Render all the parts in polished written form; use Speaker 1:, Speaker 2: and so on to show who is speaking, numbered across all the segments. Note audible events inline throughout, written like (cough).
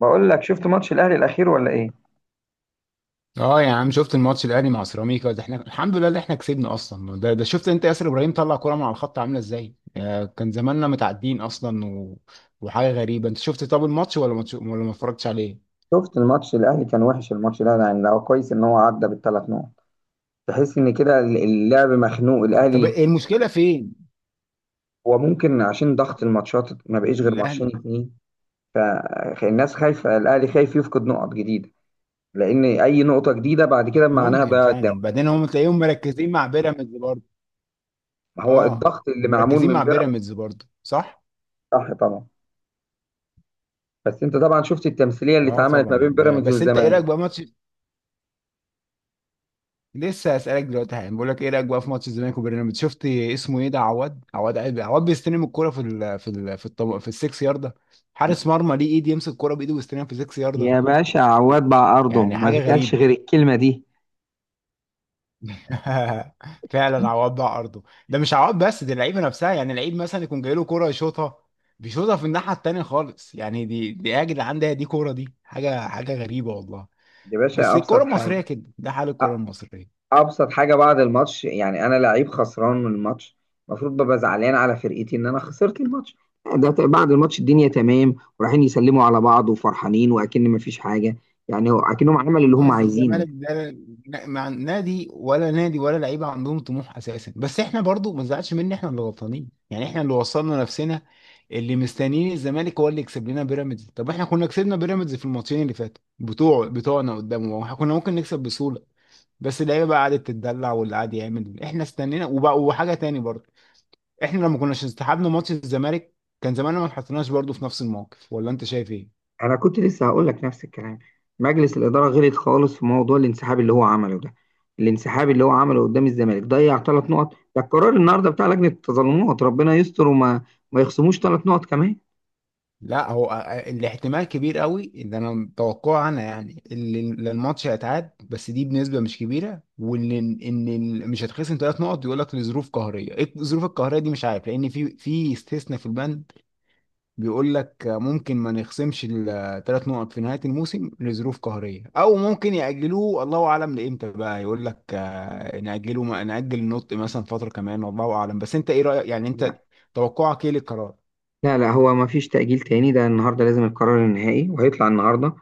Speaker 1: بقول لك شفت ماتش الاهلي الاخير ولا ايه؟
Speaker 2: اه يا عم، شفت الماتش الاهلي مع سيراميكا. ده احنا الحمد لله اللي احنا كسبنا اصلا ده شفت انت ياسر ابراهيم طلع كوره من على الخط عامله ازاي؟ كان زماننا متعدين اصلا وحاجه غريبه. انت شفت طب الماتش ولا ماتش ولا ما اتفرجتش عليه؟
Speaker 1: شفت الماتش الاهلي كان وحش الماتش ده، يعني لو كويس ان هو عدى بالثلاث نقط. تحس ان كده اللعب مخنوق
Speaker 2: طب
Speaker 1: الاهلي.
Speaker 2: المشكله فين؟
Speaker 1: هو ممكن عشان ضغط الماتشات ما بقيش غير
Speaker 2: الاهلي
Speaker 1: ماتشين اتنين. فالناس خايفه، الاهلي خايف يفقد نقط جديده، لان اي نقطه جديده بعد كده معناها
Speaker 2: ممكن
Speaker 1: ضياع الدوري.
Speaker 2: فعلا بعدين هم تلاقيهم مركزين مع بيراميدز برضه.
Speaker 1: ما هو
Speaker 2: اه،
Speaker 1: الضغط اللي معمول
Speaker 2: ومركزين
Speaker 1: من
Speaker 2: مع
Speaker 1: بيراميدز.
Speaker 2: بيراميدز برضه، صح.
Speaker 1: صح طبعا. بس انت طبعا شفت التمثيليه اللي
Speaker 2: اه،
Speaker 1: اتعملت ما
Speaker 2: طبعا.
Speaker 1: بين بيراميدز
Speaker 2: بس انت ايه رايك
Speaker 1: والزمالك.
Speaker 2: بقى ماتش؟ لسه هسألك دلوقتي حالا، بقول لك ايه رأيك بقى في ماتش الزمالك وبيراميدز؟ شفت اسمه ايه ده، عواد بيستلم الكرة في ال في ال في الطب... في السكس ياردة. حارس مرمى ليه ايد يمسك الكرة بايده ويستلمها في السكس ياردة؟
Speaker 1: يا باشا عواد بقى ارضه
Speaker 2: يعني
Speaker 1: ما
Speaker 2: حاجة
Speaker 1: بيتقالش
Speaker 2: غريبة.
Speaker 1: غير الكلمه دي.
Speaker 2: (laughs) فعلا عواد بقى ارضه. ده مش عواد بس، دي اللعيبة نفسها. يعني اللعيب مثلا يكون جاي له كرة يشوطها، بيشوطها في الناحية التانية خالص. يعني دي يا جدعان، ده دي كورة، دي حاجة غريبة والله.
Speaker 1: يا
Speaker 2: بس
Speaker 1: باشا ابسط
Speaker 2: الكرة المصرية
Speaker 1: حاجه.
Speaker 2: كده، ده حال الكرة المصرية.
Speaker 1: ابسط حاجه بعد الماتش، يعني انا لعيب خسران من الماتش، المفروض ببقى زعلان على فرقتي ان انا خسرت الماتش. بعد الماتش الدنيا تمام ورايحين يسلموا على بعض وفرحانين واكن مفيش حاجه. اكنهم عملوا اللي
Speaker 2: ما
Speaker 1: هم عايزينه.
Speaker 2: الزمالك ده مع نادي ولا نادي ولا لعيبه عندهم طموح اساسا. بس احنا برضو ما نزعلش، مني احنا اللي غلطانين، يعني احنا اللي وصلنا نفسنا. اللي مستنيين الزمالك هو اللي يكسب لنا بيراميدز. طب احنا كنا كسبنا بيراميدز في الماتشين اللي فاتوا بتوع بتوعنا قدامه، واحنا كنا ممكن نكسب بسهوله، بس اللعيبه بقى قعدت تتدلع، واللي قعد يعمل، احنا استنينا وبقى وحاجه تاني برضو. احنا لما كناش استحبنا ماتش الزمالك، كان زماننا ما اتحطيناش برضو في نفس الموقف، ولا انت شايف ايه؟
Speaker 1: انا كنت لسه هقول لك نفس الكلام. مجلس الاداره غلط خالص في موضوع الانسحاب اللي هو عمله ده. الانسحاب اللي هو عمله قدام الزمالك ضيع ثلاث نقط. ده القرار النهارده بتاع لجنه التظلمات، ربنا يستر وما ما يخصموش ثلاث نقط كمان.
Speaker 2: لا، هو الاحتمال كبير قوي ان انا متوقعه انا يعني اللي الماتش هيتعاد، بس دي بنسبه مش كبيره، وان ان مش هتخصم ثلاث نقط. يقول لك لظروف قهريه. ايه الظروف القهريه دي؟ مش عارف، لان في استثناء في البند بيقول لك ممكن ما نخصمش الثلاث نقط في نهايه الموسم لظروف قهريه، او ممكن ياجلوه، الله اعلم لامتى بقى. يقول لك ناجله، ناجل النطق مثلا فتره كمان، الله اعلم. بس انت ايه رايك يعني؟ انت توقعك ايه للقرار؟
Speaker 1: لا لا، هو ما فيش تأجيل تاني، ده النهارده لازم القرار النهائي وهيطلع النهارده.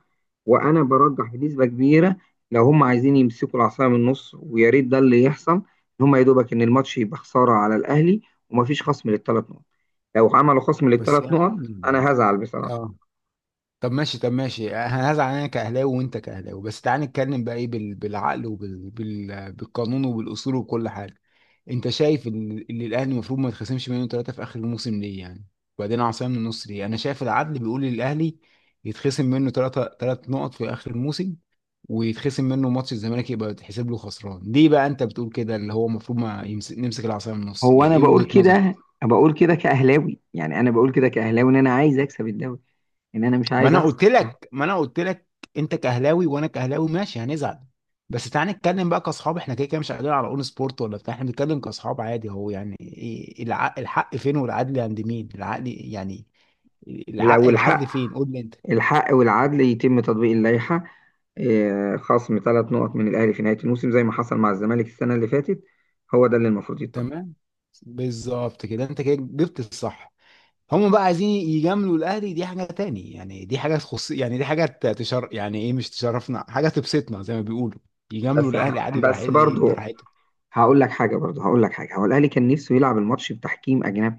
Speaker 1: وانا برجح بنسبة كبيرة، لو هم عايزين يمسكوا العصاية من النص ويا ريت ده اللي يحصل، ان هم يا دوبك ان الماتش يبقى خسارة على الاهلي وما فيش خصم للثلاث نقط. لو عملوا خصم
Speaker 2: بس
Speaker 1: للثلاث
Speaker 2: يا عم
Speaker 1: نقط انا
Speaker 2: الناس.
Speaker 1: هزعل بصراحة.
Speaker 2: اه. طب ماشي، طب ماشي، هزعل. انا كاهلاوي وانت كاهلاوي، بس تعال نتكلم بقى ايه بالعقل وبالقانون وبالاصول وكل حاجه. انت شايف ان إن الاهلي المفروض ما يتخصمش منه ثلاثه في اخر الموسم؟ ليه يعني؟ وبعدين عصام من النصر، ليه؟ انا شايف العدل بيقول للاهلي يتخصم منه ثلاثه ثلاث نقط في اخر الموسم، ويتخصم منه ماتش الزمالك يبقى يتحسب له خسران. ليه بقى انت بتقول كده اللي هو المفروض ما يمسك نمسك العصا من النص؟
Speaker 1: هو
Speaker 2: يعني
Speaker 1: انا
Speaker 2: ايه
Speaker 1: بقول
Speaker 2: وجهة نظرك؟
Speaker 1: كده، بقول كده كأهلاوي، يعني انا بقول كده كأهلاوي ان انا عايز اكسب الدوري، ان انا مش
Speaker 2: ما
Speaker 1: عايز
Speaker 2: انا
Speaker 1: اخسر.
Speaker 2: قلت لك ما انا قلت لك انت كاهلاوي وانا كاهلاوي، ماشي، هنزعل، بس تعالى نتكلم بقى كاصحاب. احنا كده كده مش قاعدين على اون سبورت ولا بتاع، احنا بنتكلم كاصحاب عادي. هو يعني إيه الحق فين، والعدل عند مين، العقل يعني،
Speaker 1: لو
Speaker 2: العقل العدل
Speaker 1: الحق
Speaker 2: فين؟ قول لي انت.
Speaker 1: الحق والعدل يتم تطبيق اللائحة. خصم ثلاث نقط من الأهلي في نهاية الموسم زي ما حصل مع الزمالك السنة اللي فاتت، هو ده اللي المفروض يتطبق.
Speaker 2: تمام، بالظبط كده، انت كده جبت الصح. هم بقى عايزين يجاملوا الاهلي، دي حاجه تاني، يعني دي حاجه تخص، يعني دي حاجه يعني ايه، مش تشرفنا، حاجه تبسطنا زي ما بيقولوا. يجاملوا الاهلي عادي
Speaker 1: بس برضو
Speaker 2: براحتهم.
Speaker 1: هقول لك حاجة، هو الأهلي كان نفسه يلعب الماتش بتحكيم أجنبي.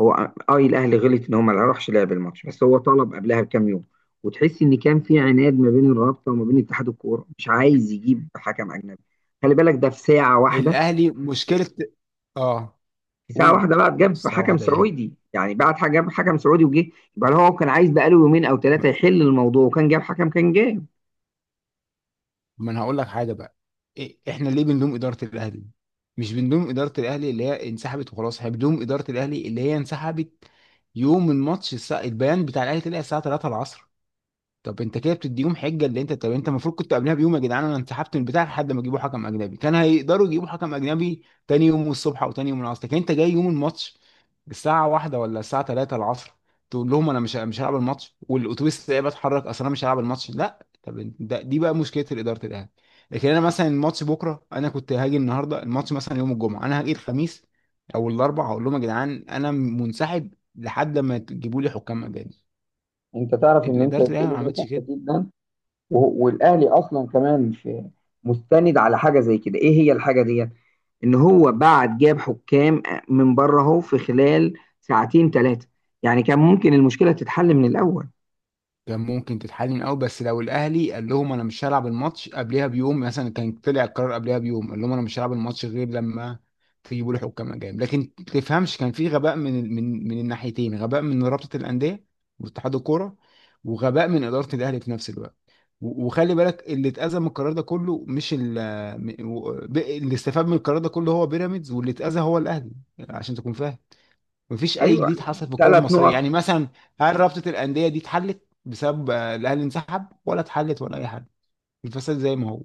Speaker 1: هو، اه الأهلي غلط إن هو ما راحش لعب الماتش، بس هو طلب قبلها بكام يوم. وتحس إن كان في عناد ما بين الرابطة وما بين اتحاد الكورة، مش عايز يجيب حكم أجنبي. خلي بالك ده في ساعة واحدة.
Speaker 2: الاهلي مشكله. اه،
Speaker 1: في ساعة
Speaker 2: قول.
Speaker 1: واحدة بقى جاب
Speaker 2: الساعه
Speaker 1: حكم
Speaker 2: واحدة ايه؟
Speaker 1: سعودي، يعني بعد حاجة جاب حكم سعودي وجه. يبقى لو هو كان عايز بقاله يومين أو
Speaker 2: ما
Speaker 1: ثلاثة يحل الموضوع، وكان جاب حكم، كان جاب.
Speaker 2: ما انا هقول لك حاجه بقى. إيه احنا ليه بنلوم اداره الاهلي؟ مش بنلوم اداره الاهلي اللي هي انسحبت وخلاص، احنا بنلوم اداره الاهلي اللي هي انسحبت يوم الماتش. الساعة البيان بتاع الاهلي طلع الساعه 3 العصر. طب انت كده بتديهم حجه. اللي انت، طب انت المفروض كنت قبلها بيوم يا جدعان، انا انسحبت من البتاع لحد ما يجيبوا حكم اجنبي. كان هيقدروا يجيبوا حكم اجنبي تاني يوم الصبح او تاني يوم العصر، لكن انت جاي يوم الماتش الساعه واحدة ولا الساعه 3 العصر تقول لهم انا مش هلعب الماتش والاتوبيس ده بتحرك، اصل انا مش هلعب الماتش؟ لا، طب انت- ده دي بقى مشكله الاداره الاهلي. لكن انا مثلا الماتش بكره، انا كنت هاجي النهارده الماتش، مثلا يوم الجمعه انا هاجي الخميس او الاربع، هقول لهم يا جدعان انا منسحب لحد ما تجيبوا لي حكام اجانب.
Speaker 1: أنت تعرف إن أنت
Speaker 2: الاداره الاهلي ما
Speaker 1: بتقوله ده
Speaker 2: عملتش
Speaker 1: صح
Speaker 2: كده.
Speaker 1: جدا. والأهلي أصلا كمان في مستند على حاجة زي كده، إيه هي الحاجة ديت؟ إن هو بعد جاب حكام من بره، أهو في خلال ساعتين ثلاثة، يعني كان ممكن المشكلة تتحل من الأول.
Speaker 2: كان ممكن تتحل من الاول، بس لو الاهلي قال لهم انا مش هلعب الماتش قبلها بيوم مثلا، كان طلع القرار قبلها بيوم، قال لهم انا مش هلعب الماتش غير لما تجيبوا لي حكام اجانب. لكن تفهمش، كان في غباء من من الناحيتين، غباء من رابطه الانديه واتحاد الكوره، وغباء من اداره الاهلي في نفس الوقت. وخلي بالك اللي اتأذى من القرار ده كله، مش ال م- و- ب- اللي استفاد من القرار ده كله هو بيراميدز، واللي اتأذى هو الاهلي، عشان تكون فاهم. مفيش اي
Speaker 1: أيوه،
Speaker 2: جديد حصل في الكره
Speaker 1: ثلاث
Speaker 2: المصريه.
Speaker 1: نقط.
Speaker 2: يعني مثلا هل رابطه الانديه دي اتحلت بسبب الاهلي انسحب، ولا اتحلت ولا اي حاجه؟ الفساد زي ما هو.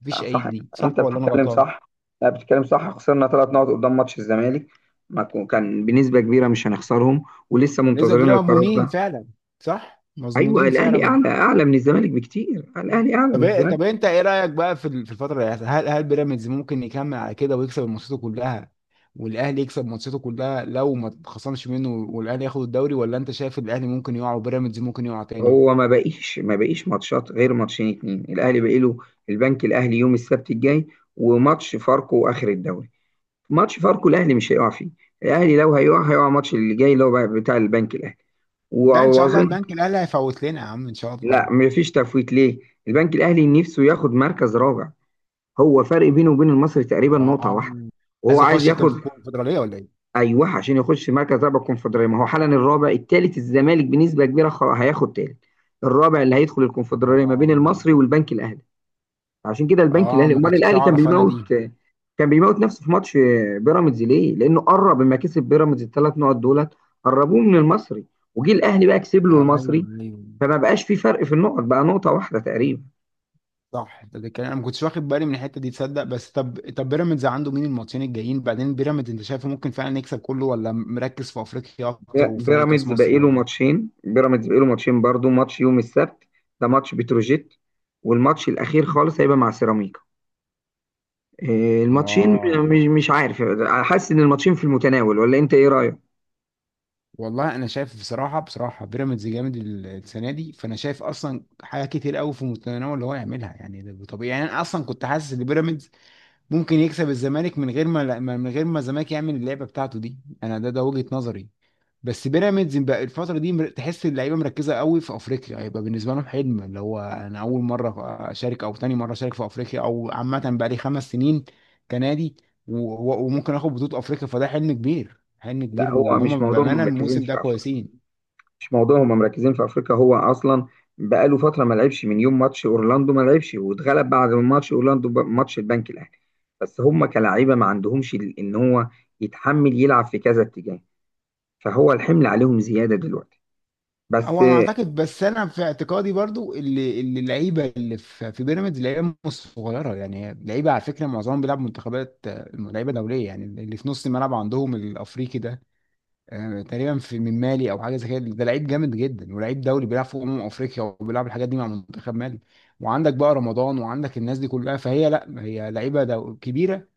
Speaker 2: مفيش اي
Speaker 1: صح،
Speaker 2: جديد،
Speaker 1: انت
Speaker 2: صح ولا انا
Speaker 1: بتتكلم
Speaker 2: غلطان؟
Speaker 1: صح. لا بتتكلم صح، خسرنا ثلاث نقط قدام ماتش الزمالك. ما كو- كان بنسبة كبيرة مش هنخسرهم ولسه
Speaker 2: بنسبه
Speaker 1: منتظرين
Speaker 2: كبيره
Speaker 1: القرار
Speaker 2: مضمونين
Speaker 1: ده.
Speaker 2: فعلا. صح،
Speaker 1: ايوه
Speaker 2: مضمونين
Speaker 1: الاهلي
Speaker 2: فعلا.
Speaker 1: اعلى، اعلى من الزمالك بكتير، الاهلي اعلى
Speaker 2: طب
Speaker 1: من الزمالك.
Speaker 2: طب انت ايه رايك بقى في الفتره اللي هتحصل؟ هل بيراميدز ممكن يكمل على كده ويكسب ماتشاته كلها، والاهلي يكسب ماتشاته كلها لو ما اتخصمش منه، والاهلي ياخد الدوري؟ ولا انت شايف الاهلي ممكن يقع وبيراميدز ممكن يقع تاني؟
Speaker 1: هو ما بقيش ماتشات غير ماتشين اتنين الاهلي بقي له. البنك الاهلي يوم السبت الجاي، وماتش فاركو اخر الدوري. ماتش فاركو الاهلي مش هيقع فيه. الاهلي لو هيقع، هيقع الماتش اللي جاي اللي هو بتاع البنك الاهلي
Speaker 2: ده ان شاء الله
Speaker 1: واظن.
Speaker 2: البنك الاهلي هيفوت لنا يا عم ان شاء
Speaker 1: لا
Speaker 2: الله.
Speaker 1: مفيش تفويت ليه، البنك الاهلي نفسه ياخد مركز رابع. هو فرق بينه وبين المصري تقريبا نقطه
Speaker 2: اه.
Speaker 1: واحده وهو
Speaker 2: عايز
Speaker 1: عايز
Speaker 2: اخش كان
Speaker 1: ياخد.
Speaker 2: في الكونفدراليه ولا ايه؟
Speaker 1: ايوه، عشان يخش مركز رابع الكونفدراليه. ما هو حالا الرابع، الثالث الزمالك بنسبه كبيره هياخد ثالث، الرابع اللي هيدخل الكونفدراليه ما بين
Speaker 2: اه.
Speaker 1: المصري والبنك الاهلي. عشان كده البنك
Speaker 2: اه،
Speaker 1: الاهلي،
Speaker 2: ما
Speaker 1: امال
Speaker 2: كنتش
Speaker 1: الاهلي كان
Speaker 2: اعرف انا
Speaker 1: بيموت،
Speaker 2: دي.
Speaker 1: كان بيموت نفسه في ماتش بيراميدز ليه؟ لانه قرب لما كسب بيراميدز الثلاث نقط دولت قربوه من المصري، وجي الاهلي بقى كسب له
Speaker 2: ايوه،
Speaker 1: المصري،
Speaker 2: ايوه،
Speaker 1: فما بقاش في فرق في النقط، بقى نقطه واحده تقريبا.
Speaker 2: صح. ده كان انا ما كنتش واخد بالي من الحته دي، تصدق؟ بس طب بيراميدز عنده مين الماتشين الجايين بعدين؟ بيراميدز انت شايفه ممكن فعلا يكسب كله، ولا مركز في افريقيا اكتر وفي نهائي كاس
Speaker 1: بيراميدز
Speaker 2: مصر،
Speaker 1: بقاله
Speaker 2: ولا؟
Speaker 1: ماتشين، برضو ماتش يوم السبت، ده ماتش بتروجيت، والماتش الاخير خالص هيبقى مع سيراميكا. إيه، الماتشين مش
Speaker 2: اه،
Speaker 1: مش عارف، حاسس ان الماتشين في المتناول ولا انت ايه رايك؟
Speaker 2: والله انا شايف بصراحه، بصراحه بيراميدز جامد السنه دي، فانا شايف اصلا حاجه كتير قوي في متناول اللي هو يعملها، يعني ده طبيعي. يعني انا اصلا كنت حاسس ان بيراميدز ممكن يكسب الزمالك من غير ما الزمالك يعمل اللعبه بتاعته دي. انا ده وجهه نظري. بس بيراميدز بقى الفتره دي تحس اللعيبه مركزه قوي في افريقيا، هيبقى بالنسبه لهم حلم اللي هو انا اول مره اشارك او تاني مره اشارك في افريقيا، او عامه بقى لي خمس سنين كنادي. و- وممكن اخد بطوله افريقيا، فده حلم كبير، حلم
Speaker 1: لا
Speaker 2: كبير،
Speaker 1: هو
Speaker 2: وهما
Speaker 1: مش موضوع هم
Speaker 2: بامانه
Speaker 1: مركزين
Speaker 2: الموسم
Speaker 1: في
Speaker 2: ده
Speaker 1: افريقيا،
Speaker 2: كويسين.
Speaker 1: مش موضوع هم مركزين في افريقيا، هو اصلا بقاله فتره ما لعبش من يوم ماتش اورلاندو، ما لعبش واتغلب بعد ماتش اورلاندو ماتش البنك الاهلي. بس هم كلاعيبه ما عندهمش ان هو يتحمل يلعب في كذا اتجاه، فهو الحمل عليهم زياده دلوقتي بس.
Speaker 2: هو انا اعتقد، بس انا في اعتقادي برضو اللي اللعيبه اللي في بيراميدز لعيبه مش صغيره. يعني لعيبه على فكره معظمهم بيلعب منتخبات، لعيبه دوليه. يعني اللي في نص الملعب عندهم الافريقي ده، تقريبا في من مالي او حاجه زي كده، ده لعيب جامد جدا ولعيب دولي بيلعب في افريقيا وبيلعب الحاجات دي مع منتخب مالي. وعندك بقى رمضان وعندك الناس دي كلها، فهي لا، هي لعيبه كبيره.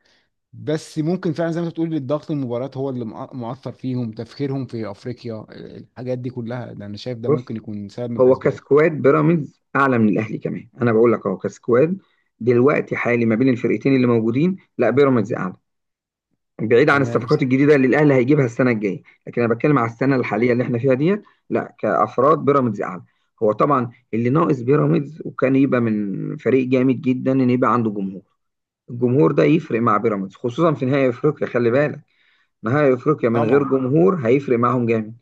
Speaker 2: بس ممكن فعلا زي ما انت بتقول الضغط المباريات هو اللي مؤثر فيهم، تفكيرهم في افريقيا الحاجات دي كلها، ده انا شايف ده
Speaker 1: بص،
Speaker 2: ممكن يكون سبب من
Speaker 1: هو
Speaker 2: الاسباب.
Speaker 1: كسكواد بيراميدز اعلى من الاهلي كمان، انا بقول لك اهو كسكواد دلوقتي حالي ما بين الفرقتين اللي موجودين، لا بيراميدز اعلى، بعيد عن
Speaker 2: تمام
Speaker 1: الصفقات
Speaker 2: صح.
Speaker 1: الجديده اللي الاهلي هيجيبها السنه الجايه، لكن انا بتكلم على السنه
Speaker 2: تمام.
Speaker 1: الحاليه اللي احنا فيها ديت. لا كافراد بيراميدز اعلى. هو طبعا اللي ناقص بيراميدز وكان يبقى من فريق جامد جدا، ان يبقى عنده جمهور. الجمهور ده يفرق مع بيراميدز خصوصا في نهائي افريقيا، خلي بالك، نهائي افريقيا من غير
Speaker 2: طبعا.
Speaker 1: جمهور هيفرق معاهم جامد.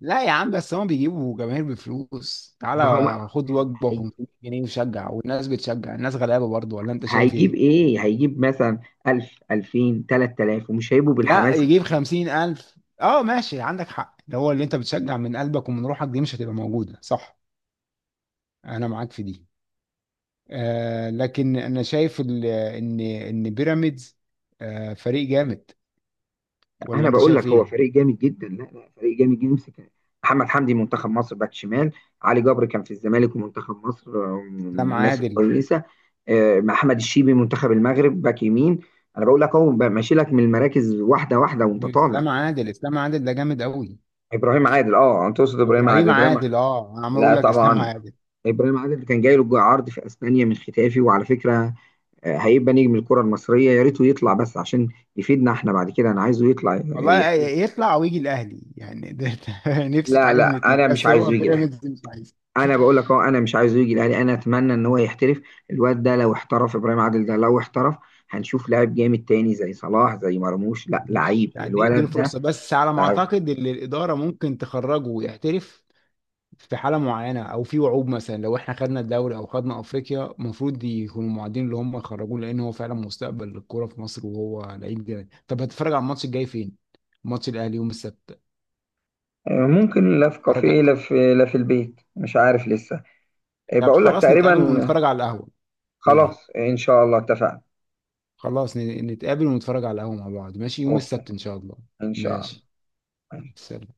Speaker 2: لا يا عم، بس هم بيجيبوا جماهير بفلوس،
Speaker 1: ما هو
Speaker 2: تعالى خد وجبه و500 جنيه وشجع. والناس بتشجع، الناس غلابه برضو، ولا انت شايف
Speaker 1: هيجيب
Speaker 2: ايه؟
Speaker 1: ايه؟ هيجيب مثلا 1000 2000 3000 ومش هيبقوا
Speaker 2: لا،
Speaker 1: بالحماس.
Speaker 2: يجيب 50,000. اه، ماشي، عندك حق، ده هو اللي انت بتشجع من قلبك ومن روحك دي مش هتبقى موجوده، صح. انا معاك في دي. آه، لكن انا شايف ان بيراميدز آه فريق جامد، ولا
Speaker 1: انا
Speaker 2: انت
Speaker 1: بقول
Speaker 2: شايف
Speaker 1: لك هو
Speaker 2: ايه؟
Speaker 1: فريق جامد جدا. لا لا، فريق جامد جدا، يمسك محمد حمدي منتخب مصر باك شمال، علي جبر كان في الزمالك ومنتخب مصر، من
Speaker 2: اسلام
Speaker 1: الناس
Speaker 2: عادل.
Speaker 1: الكويسه. محمد الشيبي منتخب المغرب باك يمين. انا بقول لك اهو بقى ماشي لك من المراكز واحده واحده وانت طالع.
Speaker 2: واسلام عادل اسلام عادل ده جامد قوي.
Speaker 1: ابراهيم عادل، انت تقصد ابراهيم عادل،
Speaker 2: ابراهيم
Speaker 1: ابراهيم؟
Speaker 2: عادل، اه، انا عمال
Speaker 1: لا
Speaker 2: اقول لك اسلام
Speaker 1: طبعا،
Speaker 2: عادل.
Speaker 1: ابراهيم عادل كان جاي له عرض في اسبانيا من ختافي، وعلى فكره هيبقى نجم الكرة المصرية، يا ريته يطلع بس عشان يفيدنا احنا بعد كده. انا عايزه يطلع
Speaker 2: والله
Speaker 1: يحترف.
Speaker 2: يطلع ويجي الاهلي يعني ده. (laughs) ده نفسي في
Speaker 1: لا
Speaker 2: حاجه من
Speaker 1: لا،
Speaker 2: الاثنين.
Speaker 1: انا مش
Speaker 2: بس هو
Speaker 1: عايزه يجي الاهلي.
Speaker 2: بيراميدز مش عايز،
Speaker 1: انا بقول لك اهو، انا مش عايزه يجي الاهلي، انا اتمنى ان هو يحترف. الواد ده لو احترف، ابراهيم عادل ده لو احترف، هنشوف لاعب جامد تاني زي صلاح زي مرموش. لا،
Speaker 2: مش
Speaker 1: لعيب
Speaker 2: قاعدين يدوا
Speaker 1: الولد ده،
Speaker 2: فرصه. بس على ما
Speaker 1: لعيب.
Speaker 2: اعتقد ان الاداره ممكن تخرجه ويحترف في حاله معينه، او في وعود مثلا لو احنا خدنا الدوري او خدنا افريقيا المفروض يكونوا معادين اللي هم يخرجوه، لان هو فعلا مستقبل الكوره في مصر وهو لعيب جامد. طب هتتفرج على الماتش الجاي فين؟ ماتش الاهلي يوم السبت.
Speaker 1: ممكن، لا في كافيه،
Speaker 2: اتفرج.
Speaker 1: لا في البيت، مش عارف لسه.
Speaker 2: طب
Speaker 1: بقول لك
Speaker 2: خلاص نتقابل
Speaker 1: تقريبا.
Speaker 2: ونتفرج على القهوه. ايه؟
Speaker 1: خلاص، ان شاء الله، اتفقنا.
Speaker 2: خلاص، نتقابل ونتفرج على القهوه مع بعض، ماشي، يوم
Speaker 1: اوكي،
Speaker 2: السبت ان شاء الله.
Speaker 1: ان شاء
Speaker 2: ماشي.
Speaker 1: الله.
Speaker 2: سلام.